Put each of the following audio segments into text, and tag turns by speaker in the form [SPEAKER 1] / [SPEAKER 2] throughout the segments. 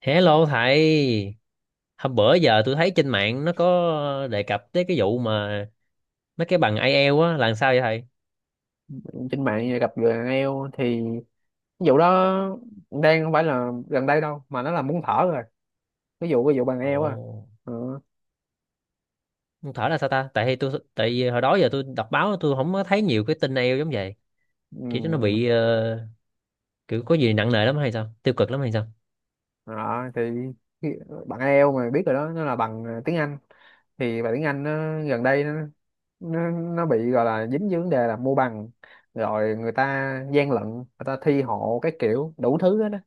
[SPEAKER 1] Hello thầy, hôm bữa giờ tôi thấy trên mạng nó có đề cập tới cái vụ mà mấy cái bằng IELTS á là làm sao vậy thầy?
[SPEAKER 2] Trên mạng gặp người đàn eo thì ví dụ đó đang không phải là gần đây đâu mà nó là muốn thở rồi, ví dụ bằng eo à.
[SPEAKER 1] Ồ,
[SPEAKER 2] Ừ.
[SPEAKER 1] không thở là sao ta? Tại tôi tại vì hồi đó giờ tôi đọc báo tôi không có thấy nhiều cái tin IELTS giống vậy. Kiểu nó
[SPEAKER 2] Ừ.
[SPEAKER 1] bị kiểu có gì nặng nề lắm hay sao? Tiêu cực lắm hay sao?
[SPEAKER 2] Đó, thì khi- bạn eo mà biết rồi đó, nó là bằng tiếng Anh, thì bằng tiếng Anh nó, gần đây nó, nó bị gọi là dính với vấn đề là mua bằng, rồi người ta gian lận, người ta thi hộ, cái kiểu đủ thứ hết đó,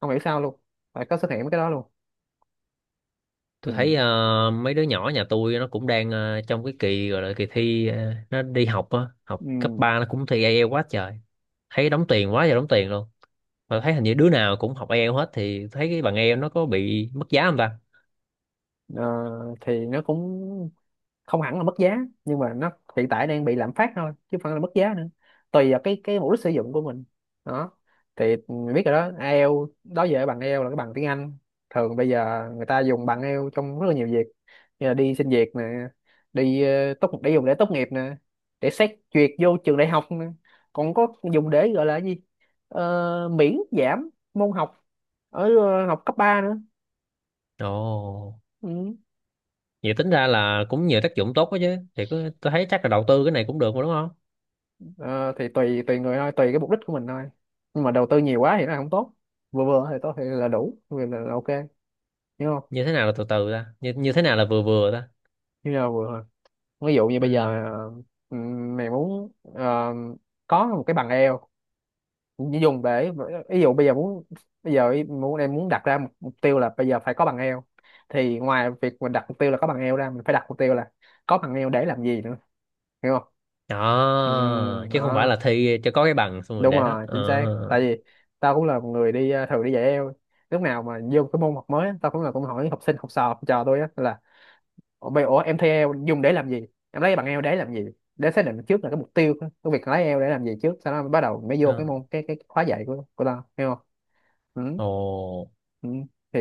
[SPEAKER 2] không hiểu sao luôn phải có xuất hiện mấy cái đó luôn. Ừ.
[SPEAKER 1] Tôi thấy mấy đứa nhỏ nhà tôi nó cũng đang trong cái kỳ gọi là kỳ thi nó đi học á,
[SPEAKER 2] Ừ.
[SPEAKER 1] học cấp 3 nó cũng thi IELTS quá trời. Thấy đóng tiền quá giờ đóng tiền luôn, mà thấy hình như đứa nào cũng học ai eo hết, thì thấy cái bằng ai eo nó có bị mất giá không ta?
[SPEAKER 2] Ờ, thì nó cũng không hẳn là mất giá, nhưng mà nó hiện tại đang bị lạm phát thôi chứ không phải là mất giá nữa, tùy vào cái mục đích sử dụng của mình. Đó, thì mình biết rồi đó, ai eo đó giờ, bằng ai eo là cái bằng tiếng Anh. Thường bây giờ người ta dùng bằng ai eo trong rất là nhiều việc, như là đi xin việc nè, đi tốt để dùng để tốt nghiệp nè, để xét duyệt vô trường đại học nè, còn có dùng để gọi là cái gì. Miễn giảm môn học ở học cấp 3 nữa.
[SPEAKER 1] Ồ,
[SPEAKER 2] Ừ.
[SPEAKER 1] vậy tính ra là cũng nhiều tác dụng tốt quá chứ, thì cứ tôi thấy chắc là đầu tư cái này cũng được mà, đúng không?
[SPEAKER 2] Ờ, thì tùy tùy người thôi, tùy cái mục đích của mình thôi, nhưng mà đầu tư nhiều quá thì nó không tốt. Vừa vừa thì tốt, thì là đủ vừa, là ok. Hiểu không?
[SPEAKER 1] Như thế nào là từ từ ta, như thế nào là vừa vừa ta?
[SPEAKER 2] Như là vừa thôi. Ví dụ như bây
[SPEAKER 1] Ừ,
[SPEAKER 2] giờ, mày muốn có một cái bằng eo dùng để, ví dụ bây giờ muốn, bây giờ ý- muốn em muốn đặt ra một mục tiêu là bây giờ phải có bằng eo, thì ngoài việc mình đặt mục tiêu là có bằng eo ra, mình phải đặt mục tiêu là có bằng eo để làm gì nữa. Hiểu không?
[SPEAKER 1] đó chứ không phải
[SPEAKER 2] Đó,
[SPEAKER 1] là thi cho có cái bằng xong rồi
[SPEAKER 2] đúng
[SPEAKER 1] để đó
[SPEAKER 2] rồi,
[SPEAKER 1] ờ.
[SPEAKER 2] chính xác. Tại vì tao cũng là một người đi thường đi dạy eo, lúc nào mà vô cái môn học mới á, tao cũng là cũng hỏi học sinh, học trò tôi á, là ủa bây- ủa, em thi eo dùng để làm gì, em lấy bằng eo để làm gì, để xác định trước là cái mục tiêu cái việc lấy eo để làm gì trước, sau đó mới bắt đầu mới vô cái
[SPEAKER 1] Đó.
[SPEAKER 2] môn, cái khóa dạy của tao. Hiểu không? Ừ.
[SPEAKER 1] Ồ,
[SPEAKER 2] Ừ. Thì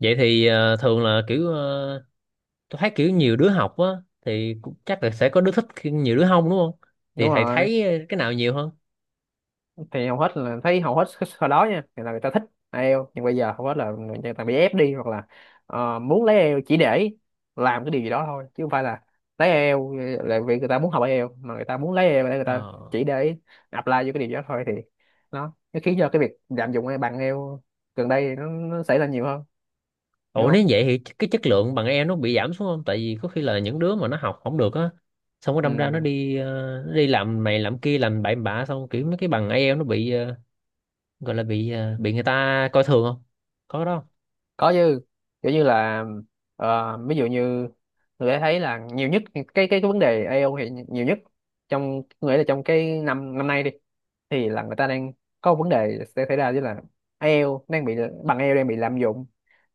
[SPEAKER 1] vậy thì thường là kiểu tôi thấy kiểu nhiều đứa học á thì cũng chắc là sẽ có đứa thích khi nhiều đứa không, đúng không? Thì
[SPEAKER 2] đúng
[SPEAKER 1] thầy
[SPEAKER 2] rồi.
[SPEAKER 1] thấy cái nào nhiều hơn?
[SPEAKER 2] Thì hầu hết là thấy, hầu hết hồi đó nha, thì là người ta thích ai IELTS, nhưng bây giờ hầu hết là người ta bị ép đi, hoặc là muốn lấy IELTS chỉ để làm cái điều gì đó thôi, chứ không phải là lấy IELTS là vì người ta muốn học ai IELTS, mà người ta muốn lấy IELTS để người ta
[SPEAKER 1] Ờ.
[SPEAKER 2] chỉ để apply vô cái điều gì đó thôi. Thì nó khiến cho cái việc lạm dụng bằng IELTS gần đây nó xảy ra nhiều hơn. Hiểu
[SPEAKER 1] Ủa, nếu
[SPEAKER 2] không?
[SPEAKER 1] vậy thì cái chất lượng bằng em nó bị giảm xuống không? Tại vì có khi là những đứa mà nó học không được á, xong nó đâm ra
[SPEAKER 2] Ừ.
[SPEAKER 1] nó đi nó đi làm này làm kia làm bậy bạ, xong kiểu mấy cái bằng IELTS nó bị gọi là bị bị người ta coi thường không? Có cái đó không?
[SPEAKER 2] Có chứ. Kiểu như là, ví dụ như người ta thấy là nhiều nhất, cái vấn đề AO hiện nhiều nhất trong, nghĩa là trong cái năm năm nay đi, thì là người ta đang có một vấn đề sẽ xảy ra với là IELTS đang bị, bằng IELTS đang bị lạm dụng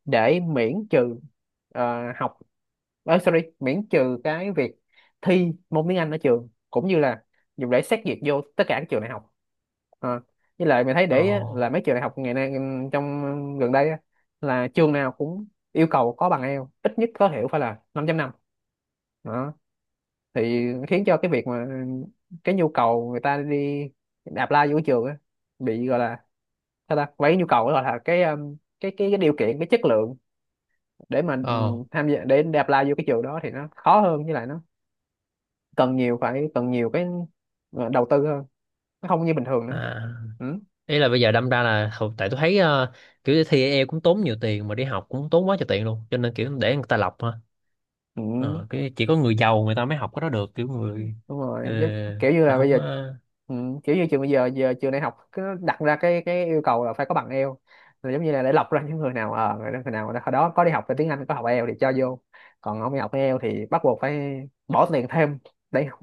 [SPEAKER 2] để miễn trừ, ờ, học sorry, miễn trừ cái việc thi môn tiếng Anh ở trường, cũng như là dùng để xét duyệt vô tất cả các trường đại học. Ờ, với lại mình thấy
[SPEAKER 1] Ồ.
[SPEAKER 2] để ý á, là mấy trường đại học ngày nay trong gần đây á, là trường nào cũng yêu cầu có bằng IELTS ít nhất tối thiểu phải là 5.5. Đó thì khiến cho cái việc mà cái nhu cầu người ta đi apply vô cái trường á, bị gọi là sao ta, mấy nhu cầu gọi là cái, cái điều kiện, cái chất lượng để mà
[SPEAKER 1] Ồ.
[SPEAKER 2] tham gia để apply vô cái trường đó thì nó khó hơn, với lại nó cần nhiều, phải cần nhiều cái đầu tư hơn, nó không như bình thường nữa.
[SPEAKER 1] À.
[SPEAKER 2] Ừ.
[SPEAKER 1] Ý là bây giờ đâm ra là tại tôi thấy kiểu thi IELTS cũng tốn nhiều tiền mà đi học cũng tốn quá trời tiền luôn, cho nên kiểu để người ta lọc ha.
[SPEAKER 2] Ừ.
[SPEAKER 1] Ờ, cái chỉ có người giàu người ta mới học cái đó được, kiểu người
[SPEAKER 2] Đúng rồi chứ. Kiểu như là bây
[SPEAKER 1] không
[SPEAKER 2] giờ.
[SPEAKER 1] có.
[SPEAKER 2] Ừ. Kiểu như trường bây giờ, trường đại học cứ đặt ra cái yêu cầu là phải có bằng Eo, là giống như là để lọc ra những người nào, người nào hồi đó có đi học về tiếng Anh, có học Eo thì cho vô, còn không đi học Eo thì bắt buộc phải bỏ tiền thêm để học,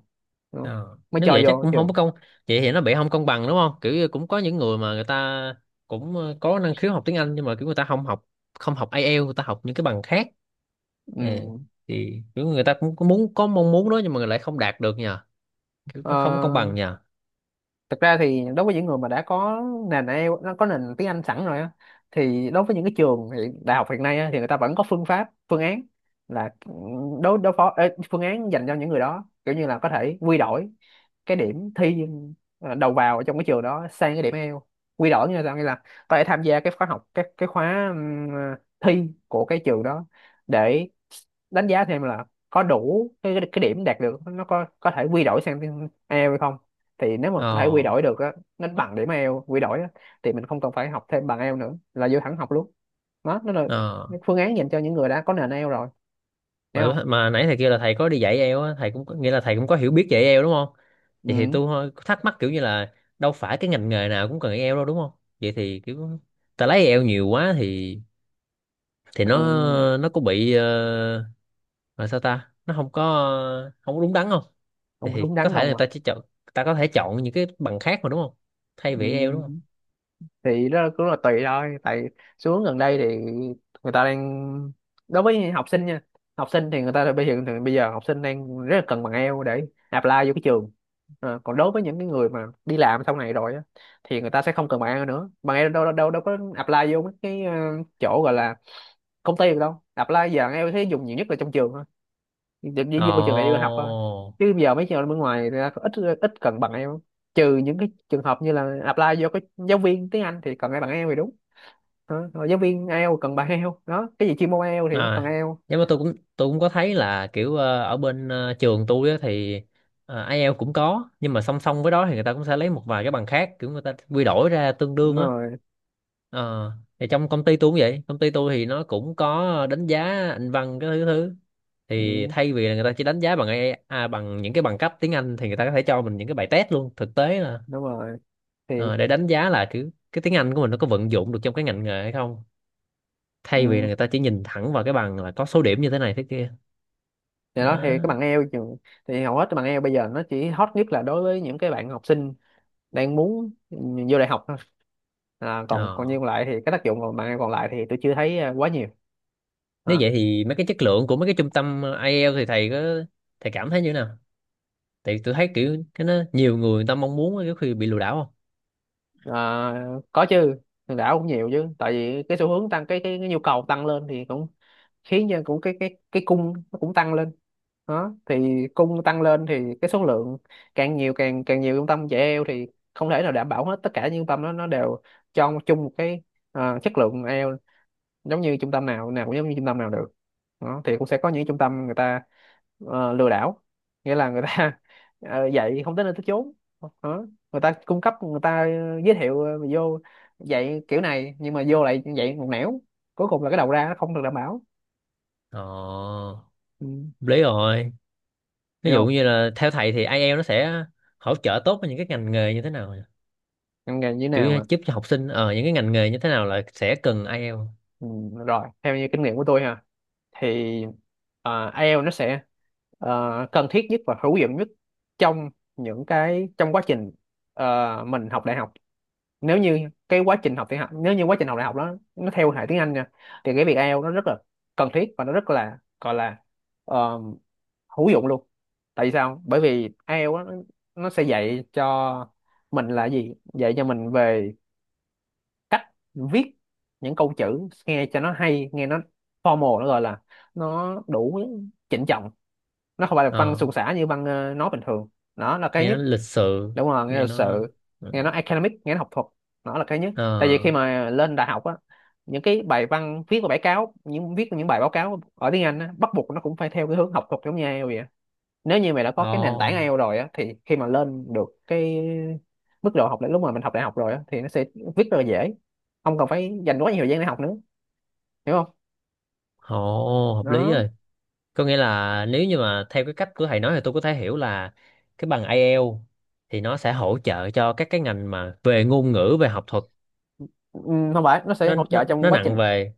[SPEAKER 2] đúng không?
[SPEAKER 1] Ờ.
[SPEAKER 2] Mới
[SPEAKER 1] Nếu
[SPEAKER 2] cho
[SPEAKER 1] vậy chắc
[SPEAKER 2] vô
[SPEAKER 1] cũng không có
[SPEAKER 2] trường.
[SPEAKER 1] công, vậy thì nó bị không công bằng đúng không, kiểu như cũng có những người mà người ta cũng có năng khiếu học tiếng Anh nhưng mà kiểu người ta không học IELTS, người ta học những cái bằng khác.
[SPEAKER 2] Ừ.
[SPEAKER 1] Ờ. Thì kiểu người ta cũng có muốn có mong muốn đó nhưng mà lại không đạt được nhờ, kiểu
[SPEAKER 2] Ờ,
[SPEAKER 1] không có công bằng nhờ.
[SPEAKER 2] Thực ra thì đối với những người mà đã có nền IELTS, nó có nền tiếng Anh sẵn rồi á, thì đối với những cái đại học hiện nay á, thì người ta vẫn có phương pháp, phương án là đối đối phó ê, phương án dành cho những người đó, kiểu như là có thể quy đổi cái điểm thi đầu vào ở trong cái trường đó sang cái điểm IELTS. Quy đổi như là sao? Nghĩa là có thể tham gia cái khóa học, cái khóa thi của cái trường đó để đánh giá thêm là có đủ cái điểm đạt được, nó có thể quy đổi sang tiếng IELTS hay không. Thì nếu mà có thể quy
[SPEAKER 1] Ờ.
[SPEAKER 2] đổi được á, nó bằng điểm IELTS quy đổi á, thì mình không cần phải học thêm bằng IELTS nữa, là vô thẳng học luôn. Đó nó là
[SPEAKER 1] Ờ.
[SPEAKER 2] cái phương án dành cho những người đã có nền IELTS rồi. Hiểu không?
[SPEAKER 1] Mà nãy thầy kêu là thầy có đi dạy IELTS á, thầy cũng nghĩa là thầy cũng có hiểu biết về IELTS, đúng không? Vậy thì
[SPEAKER 2] Ừ.
[SPEAKER 1] tôi hơi thắc mắc kiểu như là đâu phải cái ngành nghề nào cũng cần IELTS đâu, đúng không? Vậy thì kiểu ta lấy IELTS nhiều quá thì thì nó
[SPEAKER 2] Ừ.
[SPEAKER 1] nó có bị là sao ta, nó không có không có đúng đắn không? thì,
[SPEAKER 2] Không có
[SPEAKER 1] thì
[SPEAKER 2] đúng
[SPEAKER 1] có
[SPEAKER 2] đắn
[SPEAKER 1] thể
[SPEAKER 2] không
[SPEAKER 1] là
[SPEAKER 2] à?
[SPEAKER 1] ta chỉ chọn, ta có thể chọn những cái bằng khác mà, đúng không? Thay
[SPEAKER 2] Ừ.
[SPEAKER 1] vì eo, đúng không?
[SPEAKER 2] Thì đó cũng là tùy thôi, tại xu hướng gần đây thì người ta đang, đối với học sinh nha, học sinh thì người ta bây giờ, thì bây giờ học sinh đang rất là cần bằng eo để apply vô cái trường. Còn đối với những cái người mà đi làm sau này rồi á, thì người ta sẽ không cần bằng eo nữa, bằng eo đâu, đâu có apply vô mấy cái chỗ gọi là công ty được đâu. Apply giờ bằng eo thấy dùng nhiều nhất là trong trường thôi, để chỉ vô trường đại đi học thôi.
[SPEAKER 1] Ồ.
[SPEAKER 2] Chứ giờ mấy trường bên ngoài thì ra ít ít cần bằng em, trừ những cái trường hợp như là apply vô cái giáo viên tiếng Anh thì cần cái bằng ai Eo thì đúng. Rồi giáo viên ai Eo cần bằng ai Eo đó, cái gì chuyên môn ai Eo thì mới cần
[SPEAKER 1] À,
[SPEAKER 2] ai Eo.
[SPEAKER 1] nhưng mà tôi cũng có thấy là kiểu ở bên trường tôi á, thì IELTS cũng có nhưng mà song song với đó thì người ta cũng sẽ lấy một vài cái bằng khác kiểu người ta quy đổi ra tương
[SPEAKER 2] Đúng
[SPEAKER 1] đương á.
[SPEAKER 2] rồi.
[SPEAKER 1] Ờ, thì trong công ty tôi cũng vậy, công ty tôi thì nó cũng có đánh giá anh văn cái thứ thứ thì
[SPEAKER 2] Ừ,
[SPEAKER 1] thay vì là người ta chỉ đánh giá bằng AI, à, bằng những cái bằng cấp tiếng Anh thì người ta có thể cho mình những cái bài test luôn, thực tế là
[SPEAKER 2] đúng rồi thì.
[SPEAKER 1] ờ, để đánh giá là kiểu cái tiếng Anh của mình nó có vận dụng được trong cái ngành nghề hay không, thay vì là
[SPEAKER 2] Ừ.
[SPEAKER 1] người ta chỉ nhìn thẳng vào cái bằng là có số điểm như thế này thế kia.
[SPEAKER 2] Thì đó thì cái
[SPEAKER 1] Đó.
[SPEAKER 2] bằng ai Eo thì hầu hết cái bằng ai Eo bây giờ nó chỉ hot nhất là đối với những cái bạn học sinh đang muốn vô đại học thôi. À, còn còn
[SPEAKER 1] Ờ.
[SPEAKER 2] như còn lại thì cái tác dụng còn bằng ai Eo còn lại thì tôi chưa thấy à, quá nhiều.
[SPEAKER 1] Nếu
[SPEAKER 2] À.
[SPEAKER 1] vậy thì mấy cái chất lượng của mấy cái trung tâm IELTS thì thầy cảm thấy như thế nào? Tại tôi thấy kiểu cái nó nhiều người người ta mong muốn cái khi bị lừa đảo không?
[SPEAKER 2] Ờ, có chứ, hòn đảo cũng nhiều chứ, tại vì cái xu hướng tăng cái nhu cầu tăng lên thì cũng khiến cho cũng cái cung nó cũng tăng lên. Đó thì cung tăng lên thì cái số lượng càng nhiều, càng càng nhiều trung tâm dạy eo thì không thể nào đảm bảo hết tất cả những trung tâm đó nó đều cho chung một cái chất lượng eo, giống như trung tâm nào nào cũng giống như trung tâm nào được. Đó, thì cũng sẽ có những trung tâm người ta lừa đảo, nghĩa là người ta dạy không tới nơi tới chốn. Đó. Người ta cung cấp, người ta giới thiệu vô dạy kiểu này nhưng mà vô lại dạy một nẻo, cuối cùng là cái đầu ra nó không được đảm bảo.
[SPEAKER 1] Ờ,
[SPEAKER 2] Ừ.
[SPEAKER 1] lý rồi. Ví
[SPEAKER 2] Hiểu
[SPEAKER 1] dụ
[SPEAKER 2] không?
[SPEAKER 1] như là theo thầy thì IELTS nó sẽ hỗ trợ tốt với những cái ngành nghề như thế nào nhỉ?
[SPEAKER 2] Ngành nghề như thế
[SPEAKER 1] Kiểu
[SPEAKER 2] nào
[SPEAKER 1] như
[SPEAKER 2] mà?
[SPEAKER 1] giúp cho học sinh ờ những cái ngành nghề như thế nào là sẽ cần IELTS.
[SPEAKER 2] Ừ. Rồi theo như kinh nghiệm của tôi ha, thì IELTS nó sẽ cần thiết nhất và hữu dụng nhất trong những cái trong quá trình mình học đại học. Nếu như quá trình học đại học đó nó theo hệ tiếng Anh nha, thì cái việc ai Eo nó rất là cần thiết và nó rất là gọi là ờ, hữu dụng luôn. Tại vì sao? Bởi vì ai Eo á, nó sẽ dạy cho mình là gì, dạy cho mình về cách viết những câu chữ nghe cho nó hay, nghe nó formal, nó gọi là nó đủ chỉnh trọng, nó không phải là văn
[SPEAKER 1] Ờ.
[SPEAKER 2] suôn sả như văn nói bình thường. Đó là cái
[SPEAKER 1] Nghe nó
[SPEAKER 2] nhất.
[SPEAKER 1] lịch sự.
[SPEAKER 2] Đúng rồi, nghe
[SPEAKER 1] Nghe
[SPEAKER 2] là
[SPEAKER 1] nó.
[SPEAKER 2] sự,
[SPEAKER 1] Ừ.
[SPEAKER 2] nghe nó academic, nghe nó học thuật. Nó là cái nhất, tại vì
[SPEAKER 1] Ờ.
[SPEAKER 2] khi mà lên đại học á, những cái bài văn viết và bài cáo, những viết những bài báo cáo ở tiếng Anh á, bắt buộc nó cũng phải theo cái hướng học thuật giống như IELTS vậy á. Nếu như mày đã
[SPEAKER 1] Ờ.
[SPEAKER 2] có cái nền tảng ai
[SPEAKER 1] Ồ.
[SPEAKER 2] eo rồi á, thì khi mà lên được cái mức độ học lúc mà mình học đại học rồi á, thì nó sẽ viết rất là dễ, không cần phải dành quá nhiều thời gian để học nữa. Hiểu không?
[SPEAKER 1] Ồ, hợp lý
[SPEAKER 2] nó
[SPEAKER 1] rồi. Có nghĩa là nếu như mà theo cái cách của thầy nói thì tôi có thể hiểu là cái bằng IELTS thì nó sẽ hỗ trợ cho các cái ngành mà về ngôn ngữ, về học thuật.
[SPEAKER 2] ừm, không phải, nó sẽ
[SPEAKER 1] nó
[SPEAKER 2] hỗ
[SPEAKER 1] nó
[SPEAKER 2] trợ trong
[SPEAKER 1] nó
[SPEAKER 2] quá
[SPEAKER 1] nặng
[SPEAKER 2] trình.
[SPEAKER 1] về,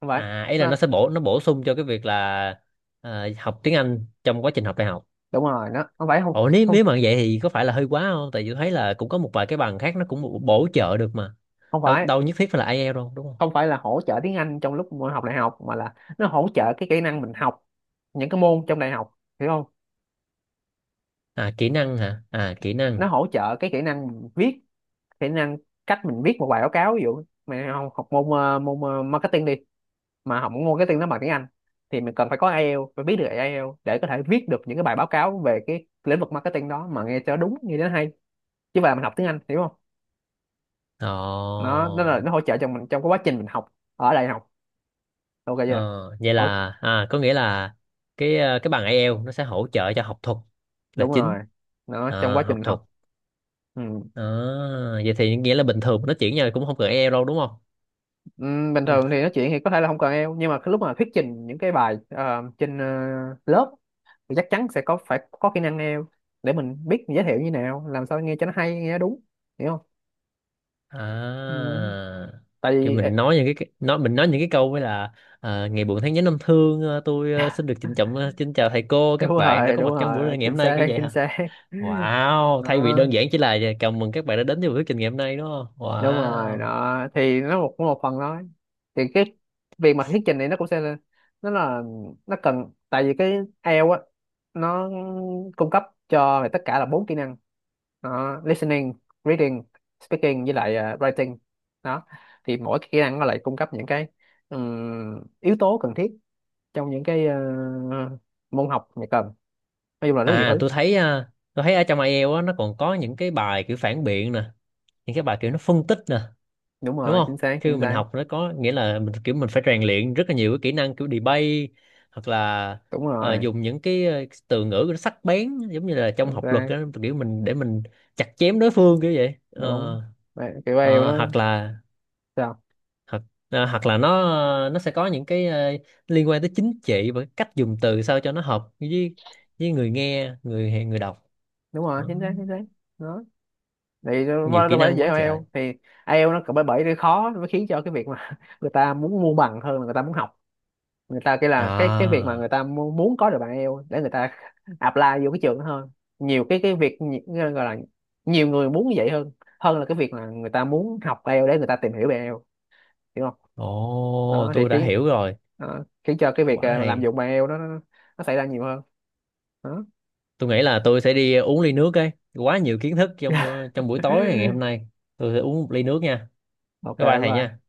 [SPEAKER 2] Không phải.
[SPEAKER 1] à ý là
[SPEAKER 2] nó
[SPEAKER 1] nó sẽ nó bổ sung cho cái việc là học tiếng Anh trong quá trình học đại học.
[SPEAKER 2] Đúng rồi, nó không phải. Không,
[SPEAKER 1] Ồ, nếu
[SPEAKER 2] không,
[SPEAKER 1] nếu mà vậy thì có phải là hơi quá không? Tại vì tôi thấy là cũng có một vài cái bằng khác nó cũng bổ bổ trợ được mà.
[SPEAKER 2] không
[SPEAKER 1] Đâu
[SPEAKER 2] phải.
[SPEAKER 1] đâu nhất thiết phải là IELTS đâu, đúng không?
[SPEAKER 2] Không phải là hỗ trợ tiếng Anh trong lúc mà học đại học, mà là nó hỗ trợ cái kỹ năng mình học những cái môn trong đại học. Hiểu không?
[SPEAKER 1] À, kỹ năng hả? À, kỹ
[SPEAKER 2] Nó
[SPEAKER 1] năng.
[SPEAKER 2] hỗ trợ cái kỹ năng mình viết, kỹ năng cách mình viết một bài báo cáo. Ví dụ mày học môn môn marketing đi, mà học môn marketing nó bằng tiếng Anh, thì mình cần phải có IELTS, phải biết được IELTS để có thể viết được những cái bài báo cáo về cái lĩnh vực marketing đó mà nghe cho đúng, nghe cho nó hay, chứ mà mình học tiếng Anh. Hiểu không?
[SPEAKER 1] Ồ.
[SPEAKER 2] Nó hỗ trợ cho mình trong cái quá trình mình học ở đại học. Ok
[SPEAKER 1] Ờ,
[SPEAKER 2] chưa?
[SPEAKER 1] vậy
[SPEAKER 2] Hỗ-
[SPEAKER 1] là à, có nghĩa là cái cái bằng ai eo nó sẽ hỗ trợ cho học thuật là
[SPEAKER 2] Đúng
[SPEAKER 1] chính.
[SPEAKER 2] rồi, nó trong
[SPEAKER 1] À,
[SPEAKER 2] quá trình
[SPEAKER 1] học
[SPEAKER 2] mình
[SPEAKER 1] thuật.
[SPEAKER 2] học. Ừ.
[SPEAKER 1] À, vậy thì nghĩa là bình thường nó chuyển nhau cũng không cần ai eo đâu, đúng không?
[SPEAKER 2] Bình
[SPEAKER 1] Mình.
[SPEAKER 2] thường thì nói chuyện thì có thể là không cần eo, nhưng mà cái lúc mà thuyết trình những cái bài trên lớp thì chắc chắn sẽ có, phải có kỹ năng eo để mình biết mình giới thiệu như nào, làm sao nghe cho nó hay, nghe nó đúng. Hiểu không?
[SPEAKER 1] À,
[SPEAKER 2] Ừm, tại
[SPEAKER 1] thì
[SPEAKER 2] vì
[SPEAKER 1] mình nói những cái câu với là à, ngày buồn tháng nhớ năm thương tôi xin được trịnh trọng xin chào thầy cô
[SPEAKER 2] đúng
[SPEAKER 1] các bạn đã
[SPEAKER 2] rồi,
[SPEAKER 1] có
[SPEAKER 2] đúng
[SPEAKER 1] mặt trong
[SPEAKER 2] rồi,
[SPEAKER 1] buổi ngày
[SPEAKER 2] chính
[SPEAKER 1] hôm nay kiểu
[SPEAKER 2] xác,
[SPEAKER 1] vậy
[SPEAKER 2] chính
[SPEAKER 1] hả?
[SPEAKER 2] xác.
[SPEAKER 1] Wow, thay vì
[SPEAKER 2] Đó.
[SPEAKER 1] đơn giản chỉ là chào mừng các bạn đã đến với buổi thuyết trình ngày hôm nay, đúng không?
[SPEAKER 2] Đúng rồi
[SPEAKER 1] Wow.
[SPEAKER 2] đó, thì nó một, cũng một phần đó, thì cái việc mà thuyết trình này nó cũng sẽ nó là, nó cần, tại vì cái IELTS á, nó cung cấp cho mày tất cả là 4 kỹ năng đó: listening, reading, speaking với lại writing. Đó. Thì mỗi cái kỹ năng nó lại cung cấp những cái yếu tố cần thiết trong những cái môn học mày cần. Nói chung là rất nhiều
[SPEAKER 1] À
[SPEAKER 2] thứ.
[SPEAKER 1] tôi thấy tôi thấy ở trong IELTS á nó còn có những cái bài kiểu phản biện nè, những cái bài kiểu nó phân tích nè,
[SPEAKER 2] Đúng
[SPEAKER 1] đúng
[SPEAKER 2] rồi, chính
[SPEAKER 1] không?
[SPEAKER 2] xác,
[SPEAKER 1] Khi mà
[SPEAKER 2] chính
[SPEAKER 1] mình
[SPEAKER 2] xác.
[SPEAKER 1] học nó có nghĩa là mình kiểu mình phải rèn luyện rất là nhiều cái kỹ năng kiểu debate, hoặc là
[SPEAKER 2] Đúng rồi,
[SPEAKER 1] dùng những cái từ ngữ nó sắc bén giống như là trong
[SPEAKER 2] chính
[SPEAKER 1] học luật
[SPEAKER 2] xác.
[SPEAKER 1] á, kiểu mình để mình chặt chém đối phương kiểu vậy.
[SPEAKER 2] Đúng.
[SPEAKER 1] Ờ.
[SPEAKER 2] Vậy, kiểu IELTS
[SPEAKER 1] ờ,
[SPEAKER 2] nó
[SPEAKER 1] hoặc là
[SPEAKER 2] sao?
[SPEAKER 1] hoặc Hoặc là nó sẽ có những cái liên quan tới chính trị và cách dùng từ sao cho nó hợp với người nghe, người người đọc.
[SPEAKER 2] Đúng rồi,
[SPEAKER 1] Đó.
[SPEAKER 2] chính xác, chính xác. Đó thì đâu
[SPEAKER 1] Nhiều
[SPEAKER 2] phải,
[SPEAKER 1] kỹ
[SPEAKER 2] đâu phải
[SPEAKER 1] năng
[SPEAKER 2] dễ
[SPEAKER 1] quá
[SPEAKER 2] hơn ai
[SPEAKER 1] trời.
[SPEAKER 2] eo thì ai eo nó, bởi bởi cái khó nó mới khiến cho cái việc mà người ta muốn mua bằng hơn là người ta muốn học. Người ta cái là cái việc
[SPEAKER 1] À.
[SPEAKER 2] mà người ta muốn có được bằng ai eo để người ta apply vô cái trường đó hơn. Nhiều cái việc nhi- gọi là Nhiều người muốn như vậy hơn, hơn là cái việc là người ta muốn học ai eo để người ta tìm hiểu về ai eo. Hiểu không?
[SPEAKER 1] Ồ,
[SPEAKER 2] đó thì
[SPEAKER 1] tôi đã
[SPEAKER 2] khiến
[SPEAKER 1] hiểu rồi.
[SPEAKER 2] Đó, khiến cho cái việc
[SPEAKER 1] Quá
[SPEAKER 2] lạm
[SPEAKER 1] hay.
[SPEAKER 2] dụng bằng ai eo đó, nó xảy ra nhiều hơn. Đó.
[SPEAKER 1] Tôi nghĩ là tôi sẽ đi uống ly nước ấy, quá nhiều kiến thức trong trong buổi tối ngày hôm nay. Tôi sẽ uống một ly nước nha.
[SPEAKER 2] Ok,
[SPEAKER 1] Bye bye thầy nha.
[SPEAKER 2] bye.